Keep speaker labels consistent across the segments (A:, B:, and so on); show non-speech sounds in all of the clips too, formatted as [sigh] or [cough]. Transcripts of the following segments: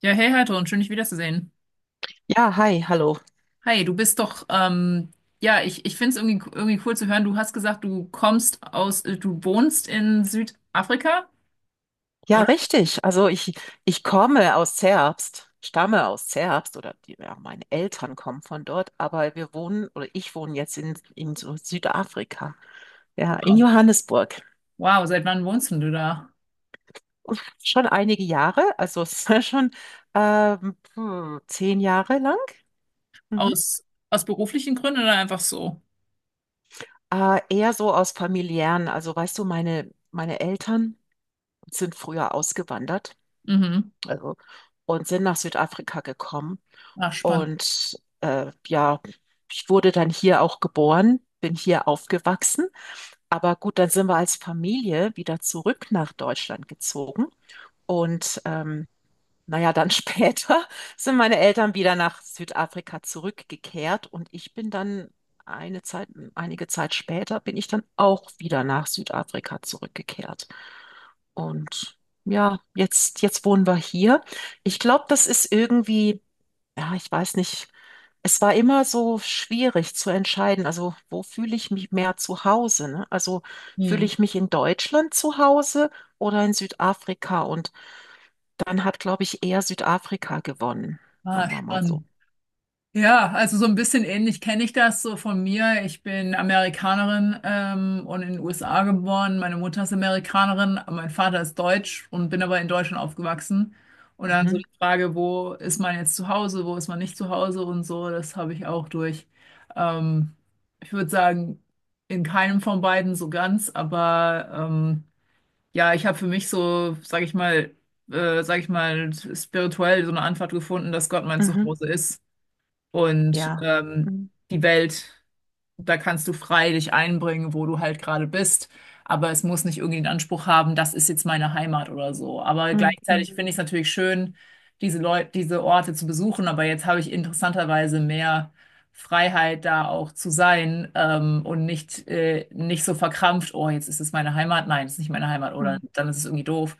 A: Ja, hey Heidrun, schön dich wiederzusehen.
B: Ja, hi, hallo.
A: Hi, du bist doch, ja, ich finde es irgendwie cool zu hören. Du hast gesagt, du kommst aus, du wohnst in Südafrika,
B: Ja,
A: oder?
B: richtig. Also ich komme aus Zerbst, stamme aus Zerbst oder die, ja, meine Eltern kommen von dort, aber wir wohnen oder ich wohne jetzt in so Südafrika, ja, in
A: Wow.
B: Johannesburg.
A: Wow, seit wann wohnst denn du da?
B: Und schon einige Jahre, also es [laughs] ist schon puh, 10 Jahre lang. Mhm.
A: Aus, aus beruflichen Gründen oder einfach so?
B: Eher so aus familiären, also weißt du, meine Eltern sind früher ausgewandert,
A: Mhm.
B: also und sind nach Südafrika gekommen.
A: Ach, spannend.
B: Und ja, ich wurde dann hier auch geboren, bin hier aufgewachsen. Aber gut, dann sind wir als Familie wieder zurück nach Deutschland gezogen. Und naja, dann [laughs] später sind meine Eltern wieder nach Südafrika zurückgekehrt und ich bin dann eine Zeit, einige Zeit später bin ich dann auch wieder nach Südafrika zurückgekehrt. Und ja, jetzt wohnen wir hier. Ich glaube, das ist irgendwie, ja, ich weiß nicht, es war immer so schwierig zu entscheiden, also wo fühle ich mich mehr zu Hause, ne? Also fühle
A: Hm.
B: ich mich in Deutschland zu Hause oder in Südafrika? Und dann hat, glaube ich, eher Südafrika gewonnen, sagen
A: Ah,
B: wir mal so.
A: spannend. Ja, also so ein bisschen ähnlich kenne ich das so von mir. Ich bin Amerikanerin und in den USA geboren. Meine Mutter ist Amerikanerin, aber mein Vater ist deutsch und bin aber in Deutschland aufgewachsen. Und dann so
B: Mhm,
A: die Frage, wo ist man jetzt zu Hause, wo ist man nicht zu Hause und so, das habe ich auch durch. Ähm, ich würde sagen, in keinem von beiden so ganz, aber ja, ich habe für mich so, sage ich mal, spirituell so eine Antwort gefunden, dass Gott mein
B: mhm,
A: Zuhause ist und
B: ja. Mhm,
A: die Welt. Da kannst du frei dich einbringen, wo du halt gerade bist. Aber es muss nicht irgendwie den Anspruch haben, das ist jetzt meine Heimat oder so. Aber
B: mhm, mhm,
A: gleichzeitig finde ich es natürlich schön, diese Leute, diese Orte zu besuchen. Aber jetzt habe ich interessanterweise mehr Freiheit, da auch zu sein, und nicht, nicht so verkrampft, oh, jetzt ist es meine Heimat. Nein, es ist nicht meine Heimat. Oder
B: mhm.
A: dann ist es irgendwie doof.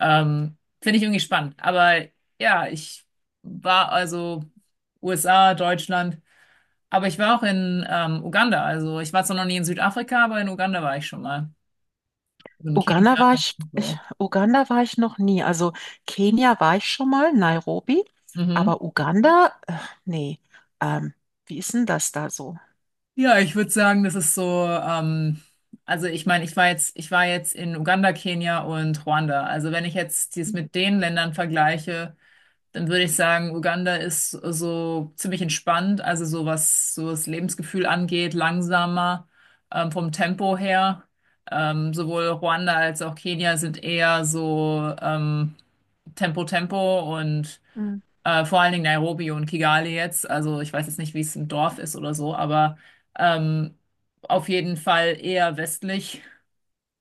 A: Finde ich irgendwie spannend. Aber ja, ich war also USA, Deutschland. Aber ich war auch in Uganda. Also ich war zwar noch nie in Südafrika, aber in Uganda war ich schon mal. Und in Kenia und so.
B: Uganda war ich noch nie. Also Kenia war ich schon mal, Nairobi,
A: Mhm.
B: aber Uganda, nee. Ähm, Wie ist denn das da so?
A: Ja, ich würde sagen, das ist so, also ich meine, ich war jetzt in Uganda, Kenia und Ruanda. Also wenn ich jetzt dies mit den Ländern vergleiche, dann würde ich sagen, Uganda ist so ziemlich entspannt, also so was so das Lebensgefühl angeht, langsamer, vom Tempo her. Sowohl Ruanda als auch Kenia sind eher so, Tempo Tempo und
B: Mhm.
A: vor allen Dingen Nairobi und Kigali jetzt. Also ich weiß jetzt nicht, wie es im Dorf ist oder so, aber ähm, auf jeden Fall eher westlich.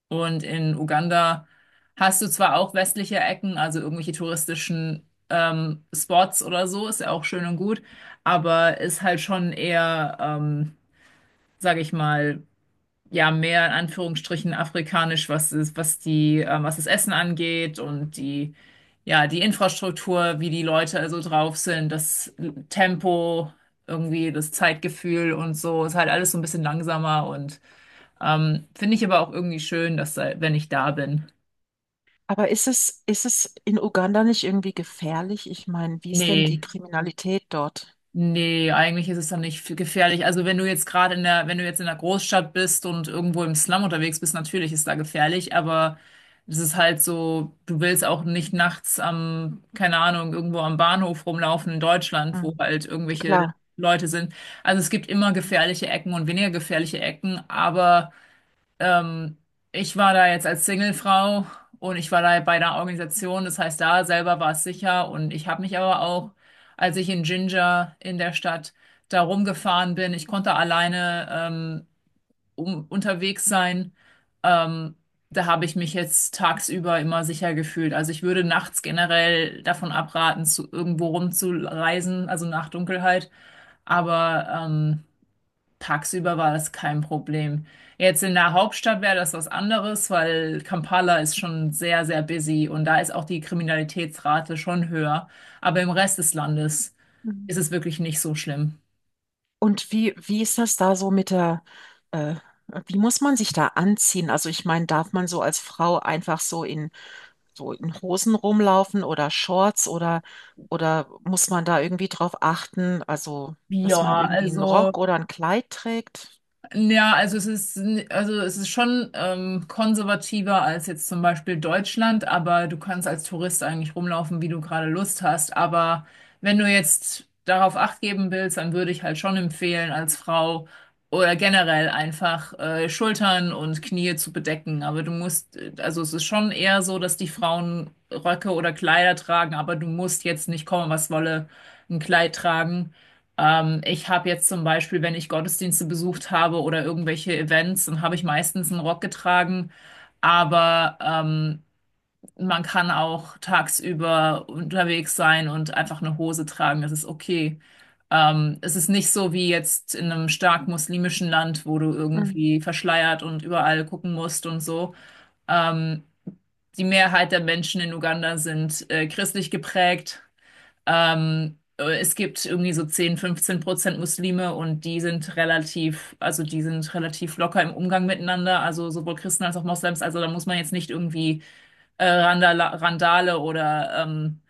A: Und in Uganda hast du zwar auch westliche Ecken, also irgendwelche touristischen Spots oder so, ist ja auch schön und gut, aber ist halt schon eher, sage ich mal, ja mehr in Anführungsstrichen afrikanisch, was die, was das Essen angeht und die, ja, die Infrastruktur, wie die Leute also drauf sind, das Tempo, irgendwie das Zeitgefühl und so, ist halt alles so ein bisschen langsamer und finde ich aber auch irgendwie schön, wenn ich da bin.
B: Aber ist es in Uganda nicht irgendwie gefährlich? Ich meine, wie ist denn die
A: Nee.
B: Kriminalität dort?
A: Nee, eigentlich ist es dann nicht f- gefährlich. Also wenn du jetzt wenn du jetzt in der Großstadt bist und irgendwo im Slum unterwegs bist, natürlich ist da gefährlich, aber es ist halt so, du willst auch nicht nachts am, keine Ahnung, irgendwo am Bahnhof rumlaufen in Deutschland, wo
B: Mhm.
A: halt irgendwelche
B: Klar.
A: Leute sind. Also es gibt immer gefährliche Ecken und weniger gefährliche Ecken, aber ähm, ich war da jetzt als Singlefrau und ich war da bei einer Organisation, das heißt, da selber war es sicher und ich habe mich aber auch, als ich in Ginger in der Stadt da rumgefahren bin, ich konnte alleine unterwegs sein. Ähm, da habe ich mich jetzt tagsüber immer sicher gefühlt. Also ich würde nachts generell davon abraten, zu irgendwo rumzureisen, also nach Dunkelheit. Aber tagsüber war das kein Problem. Jetzt in der Hauptstadt wäre das was anderes, weil Kampala ist schon sehr, sehr busy und da ist auch die Kriminalitätsrate schon höher. Aber im Rest des Landes
B: Mhm.
A: ist es wirklich nicht so schlimm.
B: Und wie ist das da so äh, wie muss man sich da anziehen? Also ich meine, darf man so als Frau einfach so in Hosen rumlaufen oder Shorts oder muss man da irgendwie drauf achten? Also,
A: Ja,
B: dass man irgendwie einen
A: also.
B: Rock oder ein Kleid trägt?
A: Ja, also es ist, also es ist schon konservativer als jetzt zum Beispiel Deutschland, aber du kannst als Tourist eigentlich rumlaufen, wie du gerade Lust hast. Aber wenn du jetzt darauf Acht geben willst, dann würde ich halt schon empfehlen, als Frau oder generell einfach Schultern und Knie zu bedecken. Aber du musst, also es ist schon eher so, dass die Frauen Röcke oder Kleider tragen, aber du musst jetzt nicht kommen, was wolle, ein Kleid tragen. Ich habe jetzt zum Beispiel, wenn ich Gottesdienste besucht habe oder irgendwelche Events, dann habe ich meistens einen Rock getragen. Aber man kann auch tagsüber unterwegs sein und einfach eine Hose tragen. Das ist okay. Es ist nicht so wie jetzt in einem stark muslimischen Land, wo du
B: Mhm.
A: irgendwie verschleiert und überall gucken musst und so. Ähm, die Mehrheit der Menschen in Uganda sind christlich geprägt. Es gibt irgendwie so 10, 15 Prozent Muslime und die sind relativ, also die sind relativ locker im Umgang miteinander, also sowohl Christen als auch Moslems. Also da muss man jetzt nicht irgendwie Randala Randale oder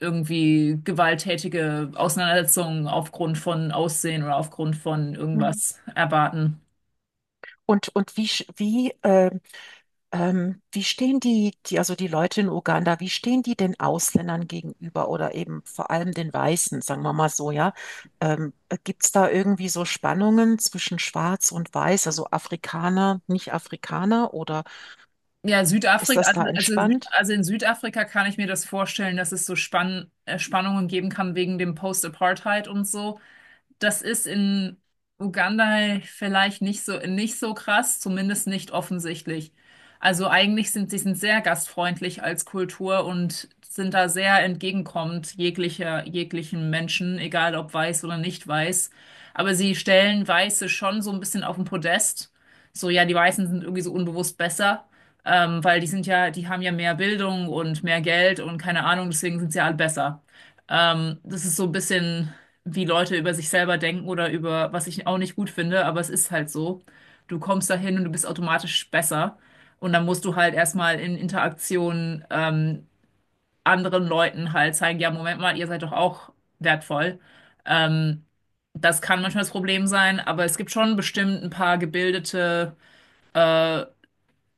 A: irgendwie gewalttätige Auseinandersetzungen aufgrund von Aussehen oder aufgrund von irgendwas erwarten.
B: Und wie stehen also die Leute in Uganda, wie stehen die den Ausländern gegenüber oder eben vor allem den Weißen, sagen wir mal so, ja? Ähm, Gibt es da irgendwie so Spannungen zwischen Schwarz und Weiß, also Afrikaner, Nicht-Afrikaner, oder
A: Ja,
B: ist
A: Südafrika,
B: das da
A: also, Süd,
B: entspannt?
A: also in Südafrika kann ich mir das vorstellen, dass es so Spannungen geben kann wegen dem Post-Apartheid und so. Das ist in Uganda vielleicht nicht so, nicht so krass, zumindest nicht offensichtlich. Also eigentlich sind sehr gastfreundlich als Kultur und sind da sehr entgegenkommend jeglicher, jeglichen Menschen, egal ob weiß oder nicht weiß. Aber sie stellen Weiße schon so ein bisschen auf den Podest. So, ja, die Weißen sind irgendwie so unbewusst besser, weil die sind ja, die haben ja mehr Bildung und mehr Geld und keine Ahnung, deswegen sind sie alle besser. Das ist so ein bisschen wie Leute über sich selber denken oder über, was ich auch nicht gut finde, aber es ist halt so. Du kommst dahin und du bist automatisch besser. Und dann musst du halt erstmal in Interaktion anderen Leuten halt zeigen, ja, Moment mal, ihr seid doch auch wertvoll. Ähm, das kann manchmal das Problem sein, aber es gibt schon bestimmt ein paar gebildete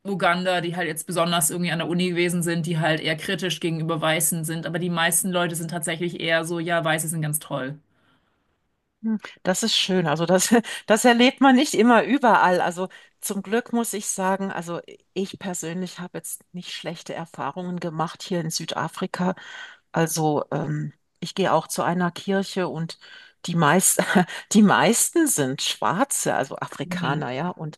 A: Uganda, die halt jetzt besonders irgendwie an der Uni gewesen sind, die halt eher kritisch gegenüber Weißen sind. Aber die meisten Leute sind tatsächlich eher so, ja, Weiße sind ganz toll.
B: Hm, das ist schön. Also das, [laughs] das erlebt man nicht immer überall. Also zum Glück muss ich sagen, also ich persönlich habe jetzt nicht schlechte Erfahrungen gemacht hier in Südafrika. Also ich gehe auch zu einer Kirche und die meist, [laughs] die meisten sind Schwarze, also
A: Mhm.
B: Afrikaner, ja. Und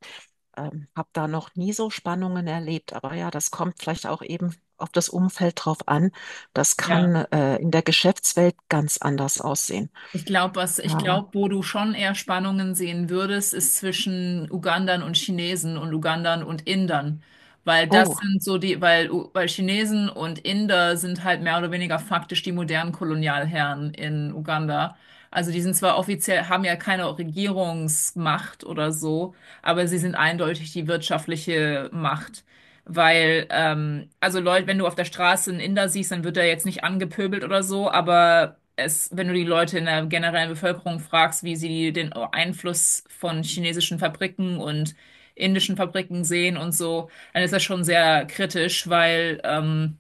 B: habe da noch nie so Spannungen erlebt. Aber ja, das kommt vielleicht auch eben auf das Umfeld drauf an. Das
A: Ja.
B: kann in der Geschäftswelt ganz anders aussehen.
A: Was ich
B: Ja.
A: glaube, wo du schon eher Spannungen sehen würdest, ist zwischen Ugandern und Chinesen und Ugandern und Indern, weil das
B: Oh.
A: sind so die, weil Chinesen und Inder sind halt mehr oder weniger faktisch die modernen Kolonialherren in Uganda. Also die sind zwar offiziell, haben ja keine Regierungsmacht oder so, aber sie sind eindeutig die wirtschaftliche Macht. Weil, also Leute, wenn du auf der Straße einen Inder siehst, dann wird er jetzt nicht angepöbelt oder so, aber es, wenn du die Leute in der generellen Bevölkerung fragst, wie sie den Einfluss von chinesischen Fabriken und indischen Fabriken sehen und so, dann ist das schon sehr kritisch, weil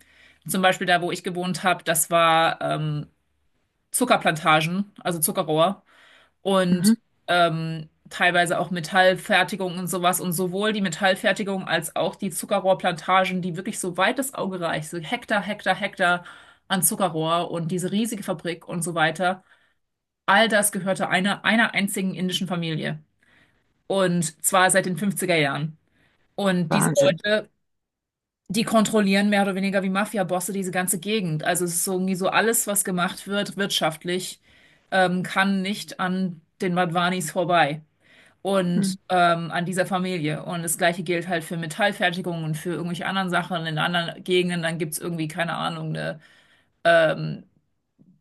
A: zum Beispiel da, wo ich gewohnt habe, das war Zuckerplantagen, also Zuckerrohr
B: Mhm.
A: und teilweise auch Metallfertigung und sowas. Und sowohl die Metallfertigung als auch die Zuckerrohrplantagen, die wirklich so weit das Auge reicht, so Hektar, Hektar, Hektar an Zuckerrohr und diese riesige Fabrik und so weiter, all das gehörte einer, einer einzigen indischen Familie. Und zwar seit den fünfziger Jahren. Und diese
B: Wahnsinn.
A: Leute, die kontrollieren mehr oder weniger wie Mafia-Bosse diese ganze Gegend. Also es ist so irgendwie so alles, was gemacht wird wirtschaftlich, kann nicht an den Madhwanis vorbei
B: Mhm.
A: und an dieser Familie. Und das Gleiche gilt halt für Metallfertigung und für irgendwelche anderen Sachen in anderen Gegenden. Dann gibt's irgendwie, keine Ahnung, eine ähm,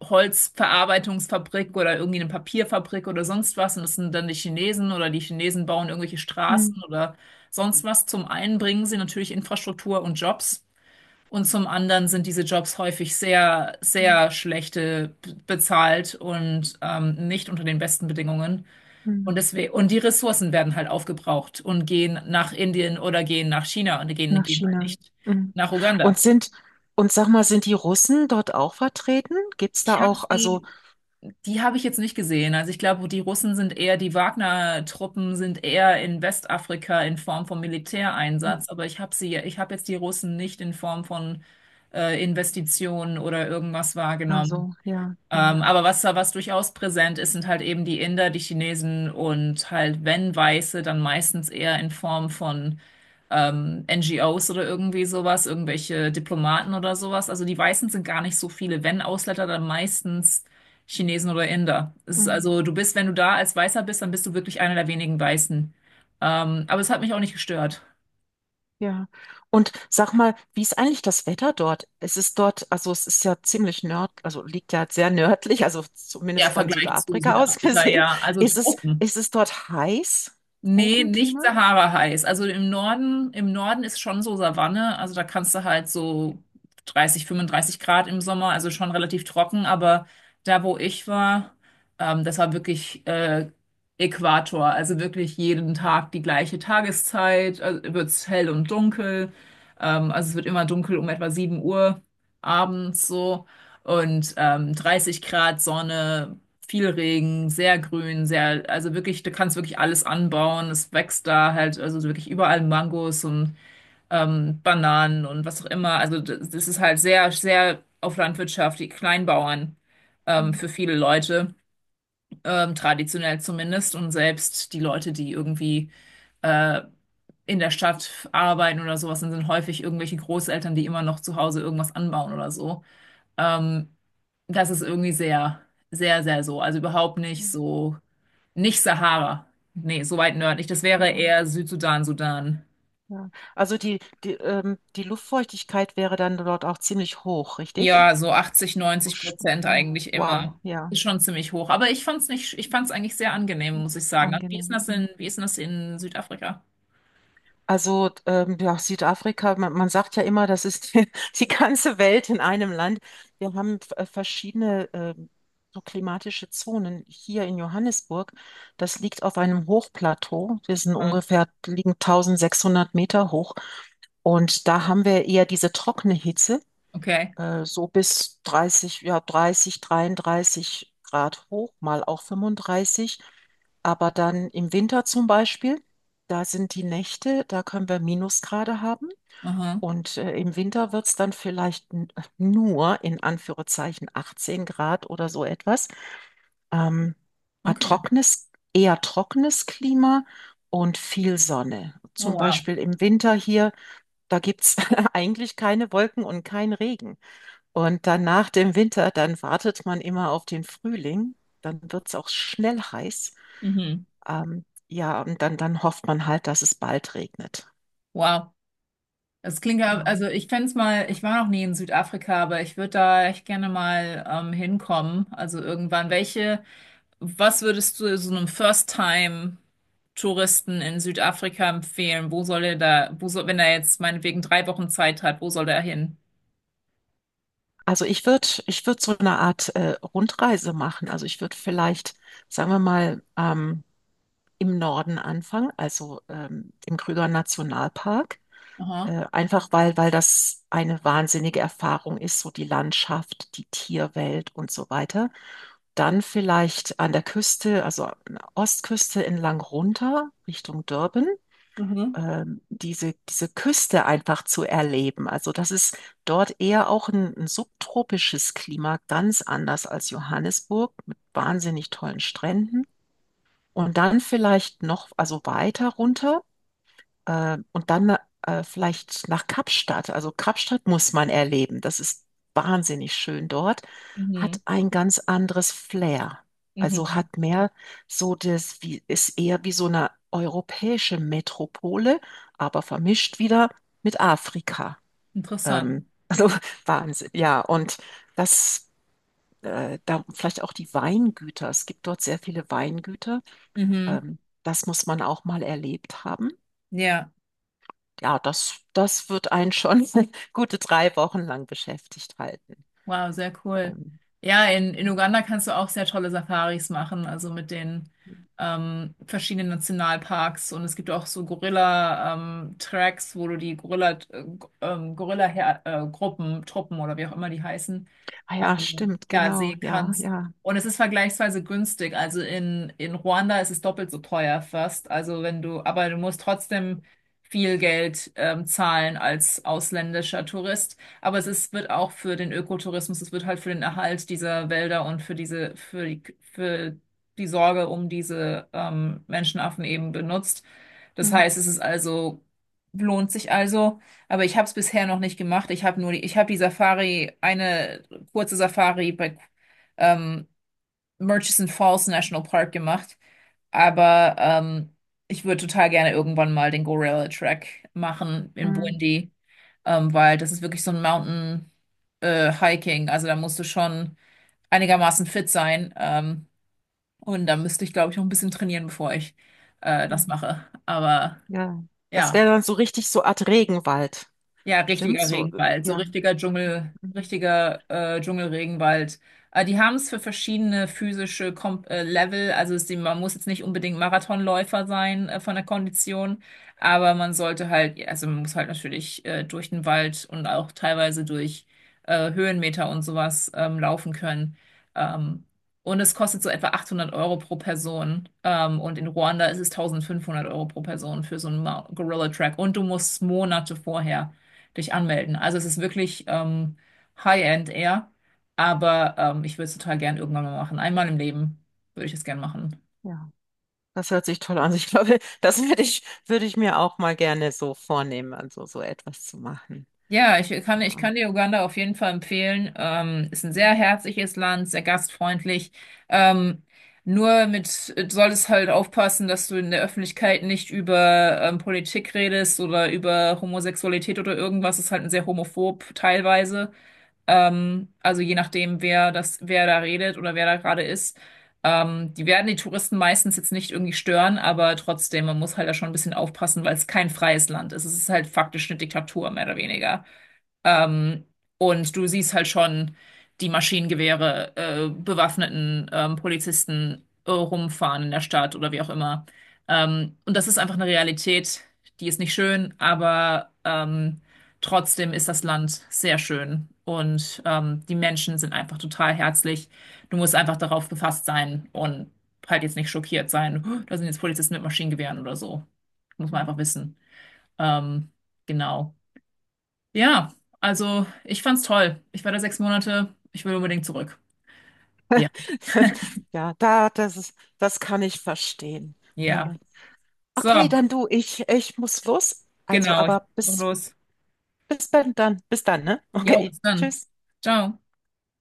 A: Holzverarbeitungsfabrik oder irgendwie eine Papierfabrik oder sonst was. Und das sind dann die Chinesen oder die Chinesen bauen irgendwelche
B: Mhm.
A: Straßen oder sonst was. Zum einen bringen sie natürlich Infrastruktur und Jobs. Und zum anderen sind diese Jobs häufig sehr, sehr schlechte bezahlt und nicht unter den besten Bedingungen. Und
B: Mhm.
A: deswegen, und die Ressourcen werden halt aufgebraucht und gehen nach Indien oder gehen nach China und
B: Nach
A: gehen halt
B: China.
A: nicht
B: Mhm.
A: nach Uganda.
B: Und sind, und sag mal, sind die Russen dort auch vertreten? Gibt es
A: Ich
B: da
A: habe
B: auch, also,
A: sie, die habe ich jetzt nicht gesehen. Also ich glaube, die Russen sind eher, die Wagner-Truppen sind eher in Westafrika in Form von
B: Mhm.
A: Militäreinsatz, aber ich habe jetzt die Russen nicht in Form von Investitionen oder irgendwas wahrgenommen.
B: Also, ja, ja,
A: Aber was durchaus präsent ist, sind halt eben die Inder, die Chinesen und halt, wenn Weiße, dann meistens eher in Form von NGOs oder irgendwie sowas, irgendwelche Diplomaten oder sowas. Also die Weißen sind gar nicht so viele. Wenn Ausländer, dann meistens Chinesen oder Inder. Es ist
B: Mhm.
A: also, du bist, wenn du da als Weißer bist, dann bist du wirklich einer der wenigen Weißen. Aber es hat mich auch nicht gestört.
B: Ja. Und sag mal, wie ist eigentlich das Wetter dort? Es ist dort, also es ist ja ziemlich also liegt ja sehr nördlich, also
A: Der
B: zumindest von
A: Vergleich zu
B: Südafrika aus [laughs]
A: Südafrika,
B: gesehen.
A: ja, also
B: Ist es,
A: Tropen.
B: ist es dort heiß?
A: Nee, nicht
B: Tropenklima?
A: Sahara-heiß. Also im Norden ist schon so Savanne. Also da kannst du halt so 30, 35 Grad im Sommer, also schon relativ trocken. Aber da, wo ich war, das war wirklich Äquator. Also wirklich jeden Tag die gleiche Tageszeit. Also wird's hell und dunkel. Also es wird immer dunkel um etwa 7 Uhr abends so. Und 30 Grad Sonne, viel Regen, sehr grün, sehr, also wirklich, du kannst wirklich alles anbauen. Es wächst da halt, also wirklich überall Mangos und Bananen und was auch immer. Also das ist halt sehr, sehr auf Landwirtschaft, die Kleinbauern
B: Mhm.
A: für viele Leute, traditionell zumindest. Und selbst die Leute, die irgendwie äh, in der Stadt arbeiten oder sowas, dann sind häufig irgendwelche Großeltern, die immer noch zu Hause irgendwas anbauen oder so. Ähm, Das ist irgendwie sehr, sehr, sehr so. Also überhaupt nicht so, nicht Sahara. Nee, so weit nördlich. Das wäre
B: Ja.
A: eher Südsudan, Sudan.
B: Ja. Also die Luftfeuchtigkeit wäre dann dort auch ziemlich hoch, richtig?
A: Ja, so 80,
B: So,
A: 90 Prozent
B: oh,
A: eigentlich
B: wow,
A: immer.
B: ja,
A: Ist schon ziemlich hoch. Aber ich fand's nicht, ich fand's eigentlich sehr angenehm, muss ich sagen. Wie ist
B: angenehm.
A: denn das in,
B: Mhm.
A: wie ist denn das in Südafrika?
B: Also ja, Südafrika, man sagt ja immer, das ist [laughs] die, die ganze Welt in einem Land. Wir haben verschiedene so klimatische Zonen hier in Johannesburg. Das liegt auf einem Hochplateau. Wir sind
A: Ah,
B: ungefähr, liegen 1.600 Meter hoch. Und da haben wir eher diese trockene Hitze.
A: okay.
B: So bis 30, ja, 30, 33 Grad hoch, mal auch 35. Aber dann im Winter zum Beispiel, da sind die Nächte, da können wir Minusgrade haben.
A: Aha.
B: Und im Winter wird es dann vielleicht nur in Anführungszeichen 18 Grad oder so etwas. Ähm, ein
A: Okay.
B: trockenes, eher trockenes Klima und viel Sonne.
A: Oh,
B: Zum
A: wow.
B: Beispiel im Winter hier, da gibt es [laughs] eigentlich keine Wolken und kein Regen. Und dann nach dem Winter, dann wartet man immer auf den Frühling. Dann wird es auch schnell heiß.
A: Mhm.
B: Ja, und dann hofft man halt, dass es bald regnet.
A: Wow. Das klingt ja,
B: Ja.
A: also ich fände es mal, ich war noch nie in Südafrika, aber ich würde da echt gerne mal hinkommen. Also irgendwann. Welche, was würdest du so einem First-Time-Touristen in Südafrika empfehlen? Wo soll er da, wo soll, wenn er jetzt meinetwegen drei Wochen Zeit hat, wo soll er hin?
B: Also ich würde so eine Art Rundreise machen. Also ich würde vielleicht, sagen wir mal, im Norden anfangen, also im Krüger Nationalpark.
A: Aha.
B: Einfach weil das eine wahnsinnige Erfahrung ist, so die Landschaft, die Tierwelt und so weiter. Dann vielleicht an der Küste, also an der Ostküste entlang runter Richtung Durban,
A: Mhm.
B: diese Küste einfach zu erleben. Also das ist dort eher auch ein subtropisches Klima, ganz anders als Johannesburg mit wahnsinnig tollen Stränden. Und dann vielleicht noch, also weiter runter und dann vielleicht nach Kapstadt. Also Kapstadt muss man erleben. Das ist wahnsinnig schön dort.
A: Mhm.
B: Hat ein ganz anderes Flair. Also
A: Mhm.
B: hat mehr so ist eher wie so eine europäische Metropole, aber vermischt wieder mit Afrika.
A: Interessant.
B: Also [laughs] Wahnsinn, ja. Und das, da vielleicht auch die Weingüter. Es gibt dort sehr viele Weingüter.
A: Mhm.
B: Das muss man auch mal erlebt haben.
A: Ja,
B: Ja, das, das wird einen schon [laughs] gute 3 Wochen lang beschäftigt halten.
A: wow, sehr cool.
B: Ähm,
A: Ja, in Uganda kannst du auch sehr tolle Safaris machen, also mit den verschiedenen Nationalparks, und es gibt auch so Gorilla-Tracks, wo du die Gorilla-Gruppen, Truppen oder wie auch immer die heißen
B: ah ja, stimmt,
A: ja,
B: genau,
A: sehen
B: ja,
A: kannst.
B: ja.
A: Und es ist vergleichsweise günstig. Also in Ruanda ist es doppelt so teuer fast. Also wenn du, aber du musst trotzdem viel Geld zahlen als ausländischer Tourist. Aber es ist, wird auch für den Ökotourismus, es wird halt für den Erhalt dieser Wälder und für diese, für die Sorge um diese Menschenaffen eben benutzt. Das
B: Mm,
A: heißt, es ist also, lohnt sich also, aber ich habe es bisher noch nicht gemacht. Ich habe nur die, ich habe die Safari, eine kurze Safari bei ähm, Murchison Falls National Park gemacht, aber ich würde total gerne irgendwann mal den Gorilla Track machen in
B: mm,
A: Burundi, weil das ist wirklich so ein Mountain Hiking, also da musst du schon einigermaßen fit sein, und da müsste ich, glaube ich, noch ein bisschen trainieren, bevor ich das
B: mm,
A: mache, aber
B: ja. Das
A: ja.
B: wäre dann so richtig so Art Regenwald.
A: Ja,
B: Stimmt
A: richtiger
B: so,
A: Regenwald, so
B: ja,
A: richtiger Dschungel,
B: mm,
A: richtiger Dschungelregenwald. Die haben es für verschiedene physische Kom Level, also ist die, man muss jetzt nicht unbedingt Marathonläufer sein, von der Kondition, aber man sollte halt, ja, also man muss halt natürlich durch den Wald und auch teilweise durch Höhenmeter und sowas laufen können. Ähm, und es kostet so etwa 800 Euro pro Person. Und in Ruanda ist es 1500 Euro pro Person für so einen Mount- Gorilla Track. Und du musst Monate vorher dich anmelden. Also es ist wirklich High-End eher, aber ich würde es total gern irgendwann mal machen. Einmal im Leben würde ich es gern machen.
B: ja. Das hört sich toll an. Ich glaube, das würde ich mir auch mal gerne so vornehmen, also so etwas zu machen.
A: Ja, ich kann, ich
B: Ja,
A: kann dir Uganda auf jeden Fall empfehlen. Ist ein sehr herzliches Land, sehr gastfreundlich. Ähm, Nur mit, solltest halt aufpassen, dass du in der Öffentlichkeit nicht über Politik redest oder über Homosexualität oder irgendwas. Ist halt ein sehr homophob teilweise. Also je nachdem, wer da redet oder wer da gerade ist. Die werden die Touristen meistens jetzt nicht irgendwie stören, aber trotzdem, man muss halt da schon ein bisschen aufpassen, weil es kein freies Land ist. Es ist halt faktisch eine Diktatur, mehr oder weniger. Ähm, und du siehst halt schon die Maschinengewehre, bewaffneten Polizisten rumfahren in der Stadt oder wie auch immer. Und das ist einfach eine Realität, die ist nicht schön, aber trotzdem ist das Land sehr schön. Und die Menschen sind einfach total herzlich. Du musst einfach darauf gefasst sein und halt jetzt nicht schockiert sein. "Oh, da sind jetzt Polizisten mit Maschinengewehren oder so." Muss man einfach wissen. Ähm, genau. Ja, also ich fand's toll. Ich war da 6 Monate. Ich will unbedingt zurück. Ja,
B: [laughs] ja, das kann ich verstehen.
A: ja.
B: Ja. Okay,
A: So,
B: ich muss los. Also,
A: genau. Ich
B: aber
A: mach
B: bis,
A: los.
B: bis dann, bis dann, ne?
A: Jo,
B: Okay,
A: bis dann.
B: tschüss.
A: Ciao.